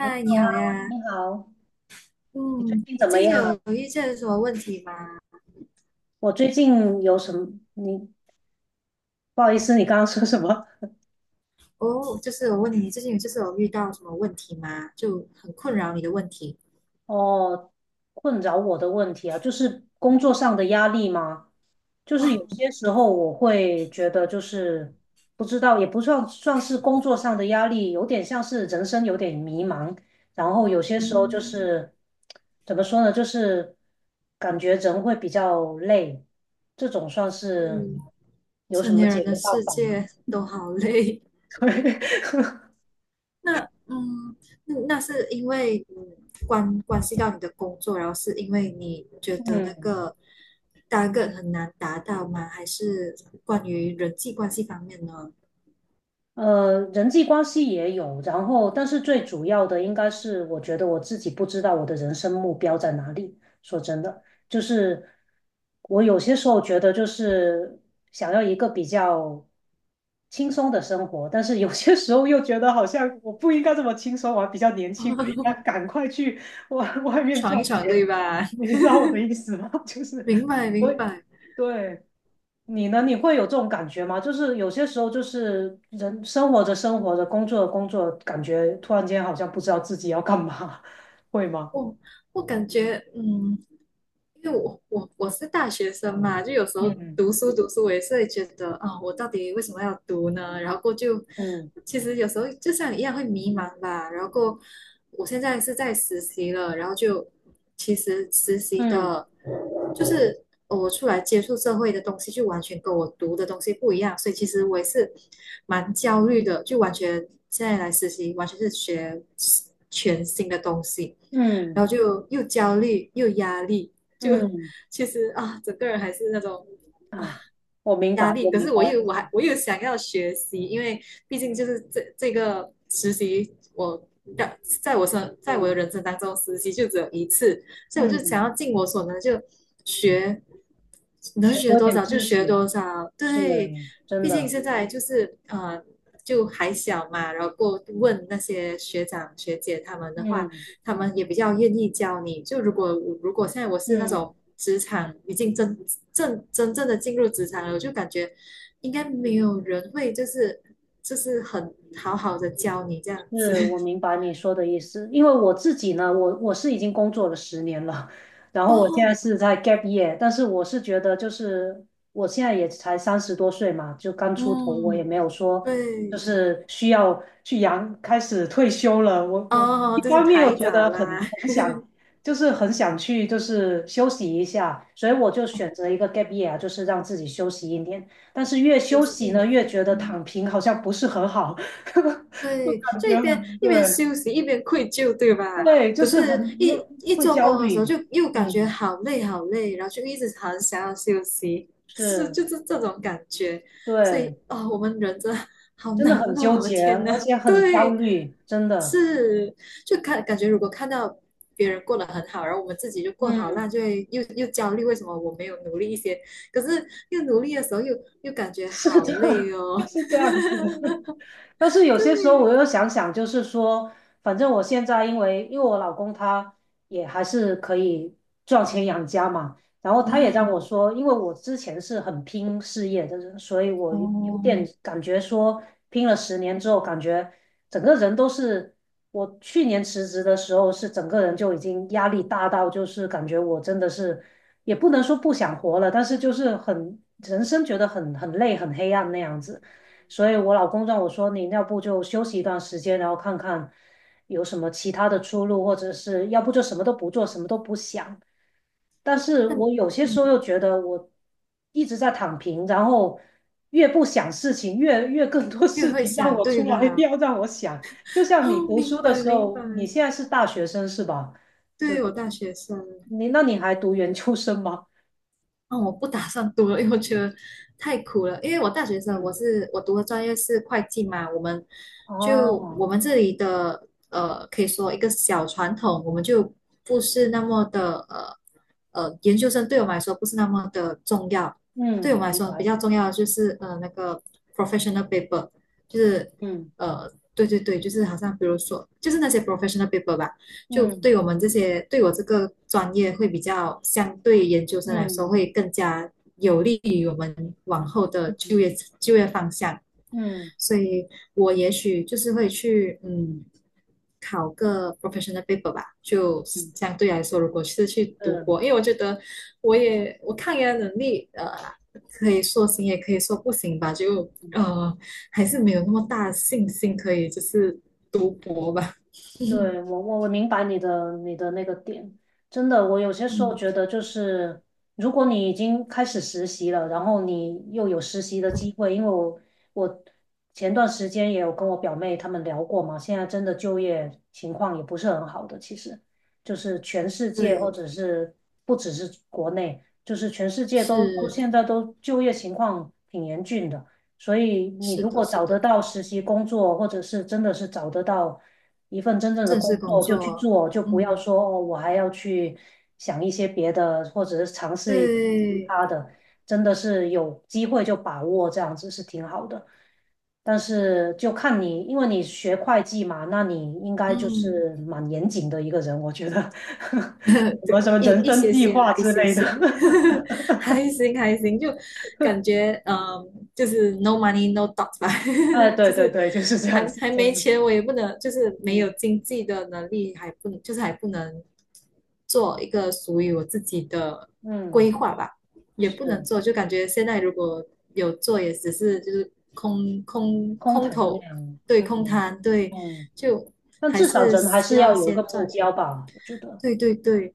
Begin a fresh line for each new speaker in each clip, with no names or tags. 你好
你
啊，
好呀。
你好，你最
嗯，
近
你
怎么
最近
样啊？
有遇见什么问题吗？
我最近有什么？你不好意思，你刚刚说什么？
哦，就是我问你，你最近有就是有遇到什么问题吗？就很困扰你的问题。
哦，困扰我的问题啊，就是工作上的压力吗？就是有
哦，
些时候我会觉得，就是不知道，也不算是工作上的压力，有点像是人生有点迷茫。然后有些时候就
嗯，
是怎么说呢，就是感觉人会比较累，这种算
是
是有
成
什么
年人
解
的
决办
世
法吗？
界都好累。那嗯，那是因为嗯关系到你的工作，然后是因为你觉得那
嗯，
个 t 个很难达到吗？还是关于人际关系方面呢？
人际关系也有，然后，但是最主要的应该是，我觉得我自己不知道我的人生目标在哪里。说真的，就是我有些时候觉得，就是想要一个比较轻松的生活，但是有些时候又觉得好像我不应该这么轻松，我还比较年轻，我应该 赶快去外面赚
闯一闯，对
钱。
吧？
你知道我的意思吗？就是
明白
我，
明白，
对。你呢？你会有这种感觉吗？就是有些时候，就是人生活着生活着，工作着工作着感觉突然间好像不知道自己要干嘛，会吗？
我我感觉，嗯，因为我是大学生嘛，就有时候
嗯
读书读书，我也是会觉得啊、我到底为什么要读呢？然后过后就
嗯
其实有时候就像你一样会迷茫吧。然后过后我现在是在实习了，然后就其实实习
嗯
的，就是我出来接触社会的东西，就完全跟我读的东西不一样，所以其实我也是蛮焦虑的，就完全现在来实习，完全是学全新的东西。
嗯
然后就又焦虑又压力，就
嗯，
其实啊，整个人还是那种
哎，我明
压
白，
力。
我
可
明
是
白
我又
那
我还
种，
我又想要学习，因为毕竟就是这个实习，我在我的
嗯
人生当中，实习就只有一次，所以我就想
嗯，
要尽我所能就学能
学
学
多
多
点
少就
知
学
识
多少，
是
对，
真
毕竟
的，
现在就是就还小嘛，然后过问那些学长学姐他们的话，
嗯
他们也比较愿意教你。就如果现在我是那
嗯。
种职场已经真正的进入职场了，我就感觉应该没有人会就是就是很好好的教你这样子。
是，我明白你说的意思，因为我自己呢，我是已经工作了十年了，然后我现在
哦，
是在 gap year，但是我是觉得就是我现在也才30多岁嘛，就刚出头，我也
嗯，
没有说就
对，
是需要去养，开始退休了。我
哦，
一
就是
方面又
太
觉
早
得很
啦，
很想，就是很想去就是休息一下，所以我就选择一个 gap year，就是让自己休息1年。但是越
又
休
是一
息呢，越
年。
觉得躺平好像不是很好。就
对，
感
就一
觉
边
很
一边
对，
休息一边愧疚，对吧？
对，就
可
是
是
很
一，
又
一
会
做
焦
工的时候
虑，
就又感觉
嗯，
好累好累，然后就一直很想要休息，是
是，
就是这种感觉。所以
对，
啊、哦我们人真的好
真的
难
很纠
哦，我的
结，
天
而
呐，
且 很焦
对，
虑，真的，
是就看感觉如果看到别人过得很好，然后我们自己就过好
嗯，
那就会又焦虑，为什么我没有努力一些？可是又努力的时候又感觉
是
好
的，
累 哦，
就是这样子。但是有些时候
对，
我又想想，就是说，反正我现在因为我老公他也还是可以赚钱养家嘛，然后他也让我
嗯。
说，因为我之前是很拼事业的人，所以我有点
哦，
感觉说，拼了十年之后，感觉整个人都是，我去年辞职的时候是整个人就已经压力大到，就是感觉我真的是也不能说不想活了，但是就是很人生觉得很累很黑暗那样子。所以我老公让我说，你要不就休息一段时间，然后看看有什么其他的出路，或者是要不就什么都不做，什么都不想。但是
那
我
你
有些时
嗯，
候又觉得我一直在躺平，然后越不想事情，越更多
你也
事
会
情让
想
我
对
出来，
吧？
要让我想。就像你
哦，
读
明
书的
白
时
明白，
候，你现在是大学生是吧？就
对
是
我大学生。
你，那你还读研究生吗？
那我不打算读了，因为我觉得太苦了。因为我大学生，我
嗯，
是我读的专业是会计嘛，我们就
哦，
我们这里的呃，可以说一个小传统，我们就不是那么的呃，研究生对我们来说不是那么的重要，对
嗯，
我们来
明
说比
白，
较重要的就是呃那个 professional paper，就是
嗯
呃对对对，就是好像比如说就是那些 professional paper 吧。就
嗯
对我们这些对我这个专业会比较相对研究生来说
嗯
会更加有利于我们往后的
嗯
就业方向，
嗯。
所以我也许就是会去嗯考个 professional paper 吧，就
嗯
相对来说，如果是去读
嗯
博，因为我觉得我抗压能力呃可以说行也可以说不行吧，就
嗯，
呃还是没有那么大的信心可以就是读博吧，
对，我明白你的那个点，真的，我有些时候
嗯，
觉得就是，如果你已经开始实习了，然后你又有实习的机会，因为我前段时间也有跟我表妹她们聊过嘛，现在真的就业情况也不是很好的，其实就是全世界或
对。
者是不只是国内，就是全世界都
是
现在都就业情况挺严峻的。所以你
是
如
的，
果
是
找得
的，
到实习工作，或者是真的是找得到一份真正的
正式
工
工
作就去
作，
做，就不要
嗯，
说哦，我还要去想一些别的，或者是尝试一些其
对，
他的，真的是有机会就把握，这样子是挺好的。但是就看你，因为你学会计嘛，那你应该就
嗯。
是蛮严谨的一个人，我觉得，什么
对，
什么
一
人
一
生
些
计
些
划
啦，一
之
些
类
些，
的。
还行还行，就感 觉嗯，就是 no money no talk 吧，
哎，对
就
对
是
对，就是这样
还
子，
还没
真的，
钱，我也不能，就是没
嗯
有经济的能力，还不能，就是还不能做一个属于我自己的
嗯，
规划吧，也不能
是
做，就感觉现在如果有做，也只是就是空空
空
空
谈
头，
量，
对，
嗯
空
嗯。
谈，对，
嗯
就
但
还
至少
是
人还
需
是要
要
有一个
先
目
赚
标
钱。
吧，我觉得。
对对对，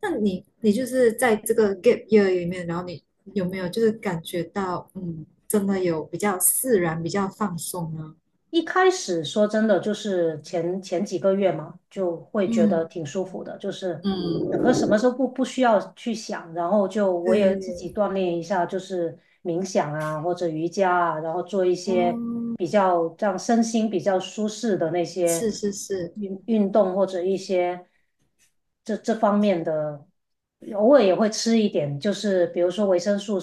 那你就是在这个 gap year 里面，然后你有没有就是感觉到，嗯，真的有比较自然、比较放松呢？
一开始说真的，就是前几个月嘛，就会觉得
嗯
挺舒服的，就是整个
嗯
什么时候不需要去想，然后就我也自
对，
己锻炼一下，就是冥想啊或者瑜伽啊，然后做一些
哦，
比较这样身心比较舒适的那些
是是是，
运动或者一些这方面的，偶尔也会吃一点，就是比如说维生素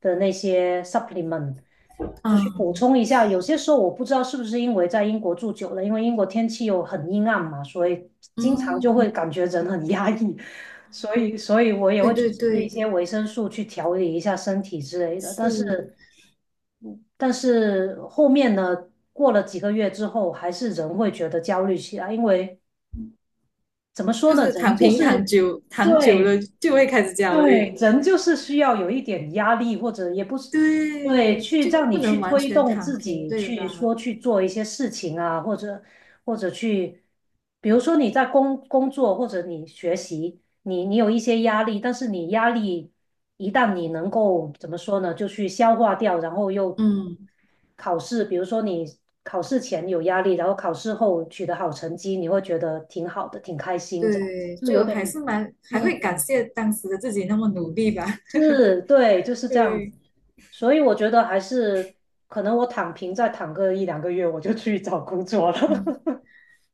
的那些 supplement。就是
嗯，
补充一下，有些时候我不知道是不是因为在英国住久了，因为英国天气又很阴暗嘛，所以经常就会
嗯，
感觉人很压抑，所以我也
对
会去
对
吃一
对，
些维生素去调理一下身体之类的。但
是，
是但是后面呢，过了几个月之后，还是人会觉得焦虑起来，因为怎么说
就
呢，
是
人
躺
就
平躺
是
久躺久了
对
就会开始焦
对，
虑。
人就是需要有一点压力，或者也不是，对，
对，
去
就
让你
不
去
能完
推
全
动
躺
自
平，
己
对
去
吧？
说去做一些事情啊，或者或者去，比如说你在工作或者你学习，你有一些压力，但是你压力一旦你能够怎么说呢，就去消化掉，然后又
嗯。
考试，比如说你考试前有压力，然后考试后取得好成绩，你会觉得挺好的，挺开心，这样子
对，
就有
就还
点
是蛮还会
嗯。
感谢当时的自己那么努力吧。
是，对，就是 这样子。
对，
所以我觉得还是可能我躺平再躺个一两个月，我就去找工作了。
嗯，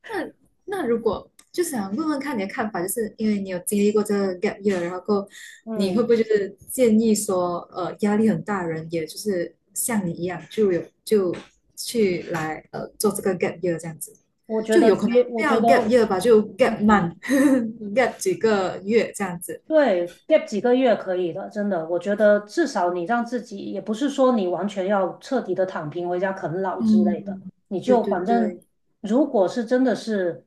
那如果就想问问看你的看法，就是因为你有经历过这个 gap year，然后过你会不
嗯，
会就是建议说，呃，压力很大的人，也就是像你一样，就有就去来呃做这个 gap year 这样子，
我觉
就
得
有可能
需，
不
我
要
觉得，
gap year 吧，就 gap
嗯，
month，gap 几个月这样子。
对，gap 几个月可以的，真的，我觉得至少你让自己，也不是说你完全要彻底的躺平回家啃老之类的，
嗯，
你
对
就
对
反正
对，
如果是真的是，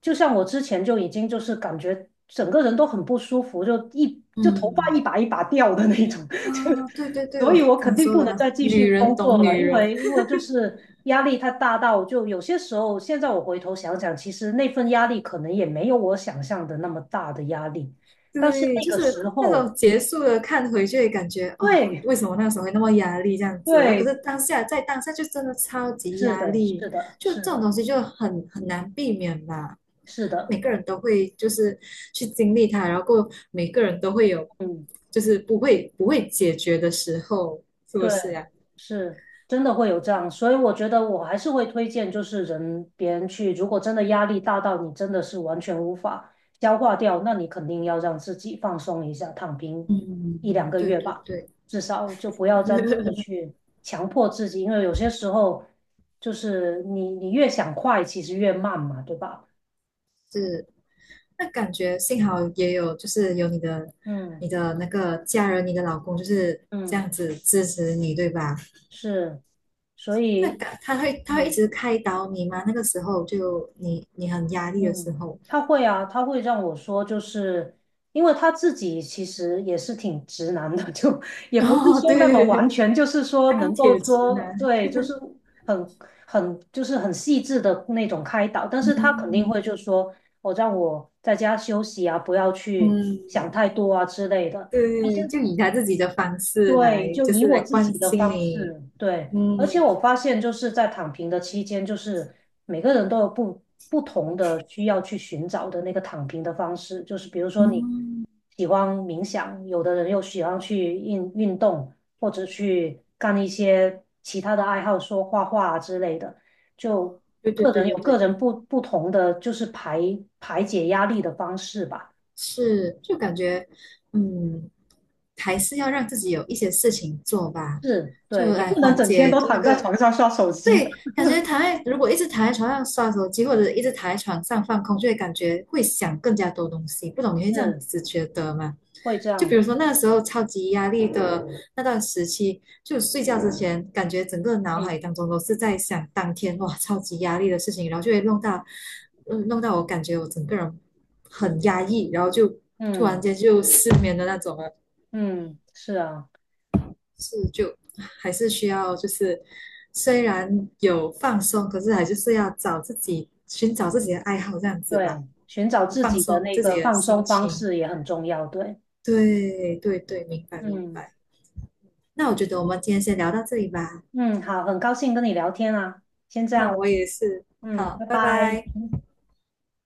就像我之前就已经就是感觉整个人都很不舒服，就一就头发一
嗯。
把一把掉的那种，
啊，对对对，
所
我
以我肯
感
定
受
不
得
能
到，
再继
女
续
人
工作
懂
了，
女
因
人，
为因为就是压力太大到，就有些时候，现在我回头想想，其实那份压力可能也没有我想象的那么大的压力，但是
对，
那
就
个
是
时
那
候，
种结束了看回去，感觉哦，
对
为什么那时候会那么压力这样子？然后可是
对，
当下在当下就真的超级
是
压
的，
力，
是的，
就
是
这种
的，
东西就很难避免吧。
是的，
每个人都会就是去经历它，然后过后每个人都会有
嗯。
就是不会解决的时候，是不
对，
是呀？
是真的会有这样，所以我觉得我还是会推荐，就是人别人去，如果真的压力大到你真的是完全无法消化掉，那你肯定要让自己放松一下，躺平一两
嗯，
个
对
月
对
吧，
对，
至少就不要真正的去强迫自己，因为有些时候就是你越想快，其实越慢嘛，对吧？
是。那感觉幸好也有，就是有你的、
嗯
你的那个家人、你的老公，就是这
嗯，
样子支持你，对吧？
是，所
那
以
感他会一
嗯。
直开导你吗？那个时候就你很压力的时
嗯，
候，
他会啊，他会让我说，就是因为他自己其实也是挺直男的，就 也不是
哦，
说那么完
对，
全，就是说
钢
能够
铁直
说
男，
对，就是很就是很细致的那种开导，但是他肯定
嗯
会就说，我、让我在家休息啊，不要去
嗯，
想太多啊之类的。
对，就以他自己的方式
对，
来，
就
就
以
是来
我自
关
己的
心
方
你，
式，对，
嗯
而且我发现就是在躺平的期间，就是每个人都有不同的需要去寻找的那个躺平的方式，就是比如说你
嗯，
喜欢冥想，有的人又喜欢去运动，或者去干一些其他的爱好，说画画啊之类的，就
对对
个
对
人
对
有个
对，
人不同的就是排解压力的方式吧。
是，就感觉嗯。还是要让自己有一些事情做吧，
是，
就
对，你
来
不能
缓
整天
解
都
就那
躺在
个。
床上刷手机的。
对，感觉躺在如果一直躺在床上刷手机，或者一直躺在床上放空，就会感觉会想更加多东西。不懂你会这样
是。
子觉得吗？
会这
就
样
比如
的。
说那时候超级压力的那段时期，就睡觉之前，感觉整个脑海
嗯
当中都是在想当天哇超级压力的事情，然后就会弄到，嗯，弄到我感觉我整个人很压抑，然后就突然
嗯
间就失眠的那种了。
嗯，是啊，
是就还是需要，就是虽然有放松，可是还就是要找自己寻找自己的爱好这样子吧，
对，寻找自
放
己的
松
那
自
个
己的
放松
心
方
情。
式也很重要。对，
对对对，明白明
嗯
白。那我觉得我们今天先聊到这里吧。
嗯，好，很高兴跟你聊天啊，先这样
哈，
了，
我也是。
嗯，
好，
拜
拜
拜。
拜。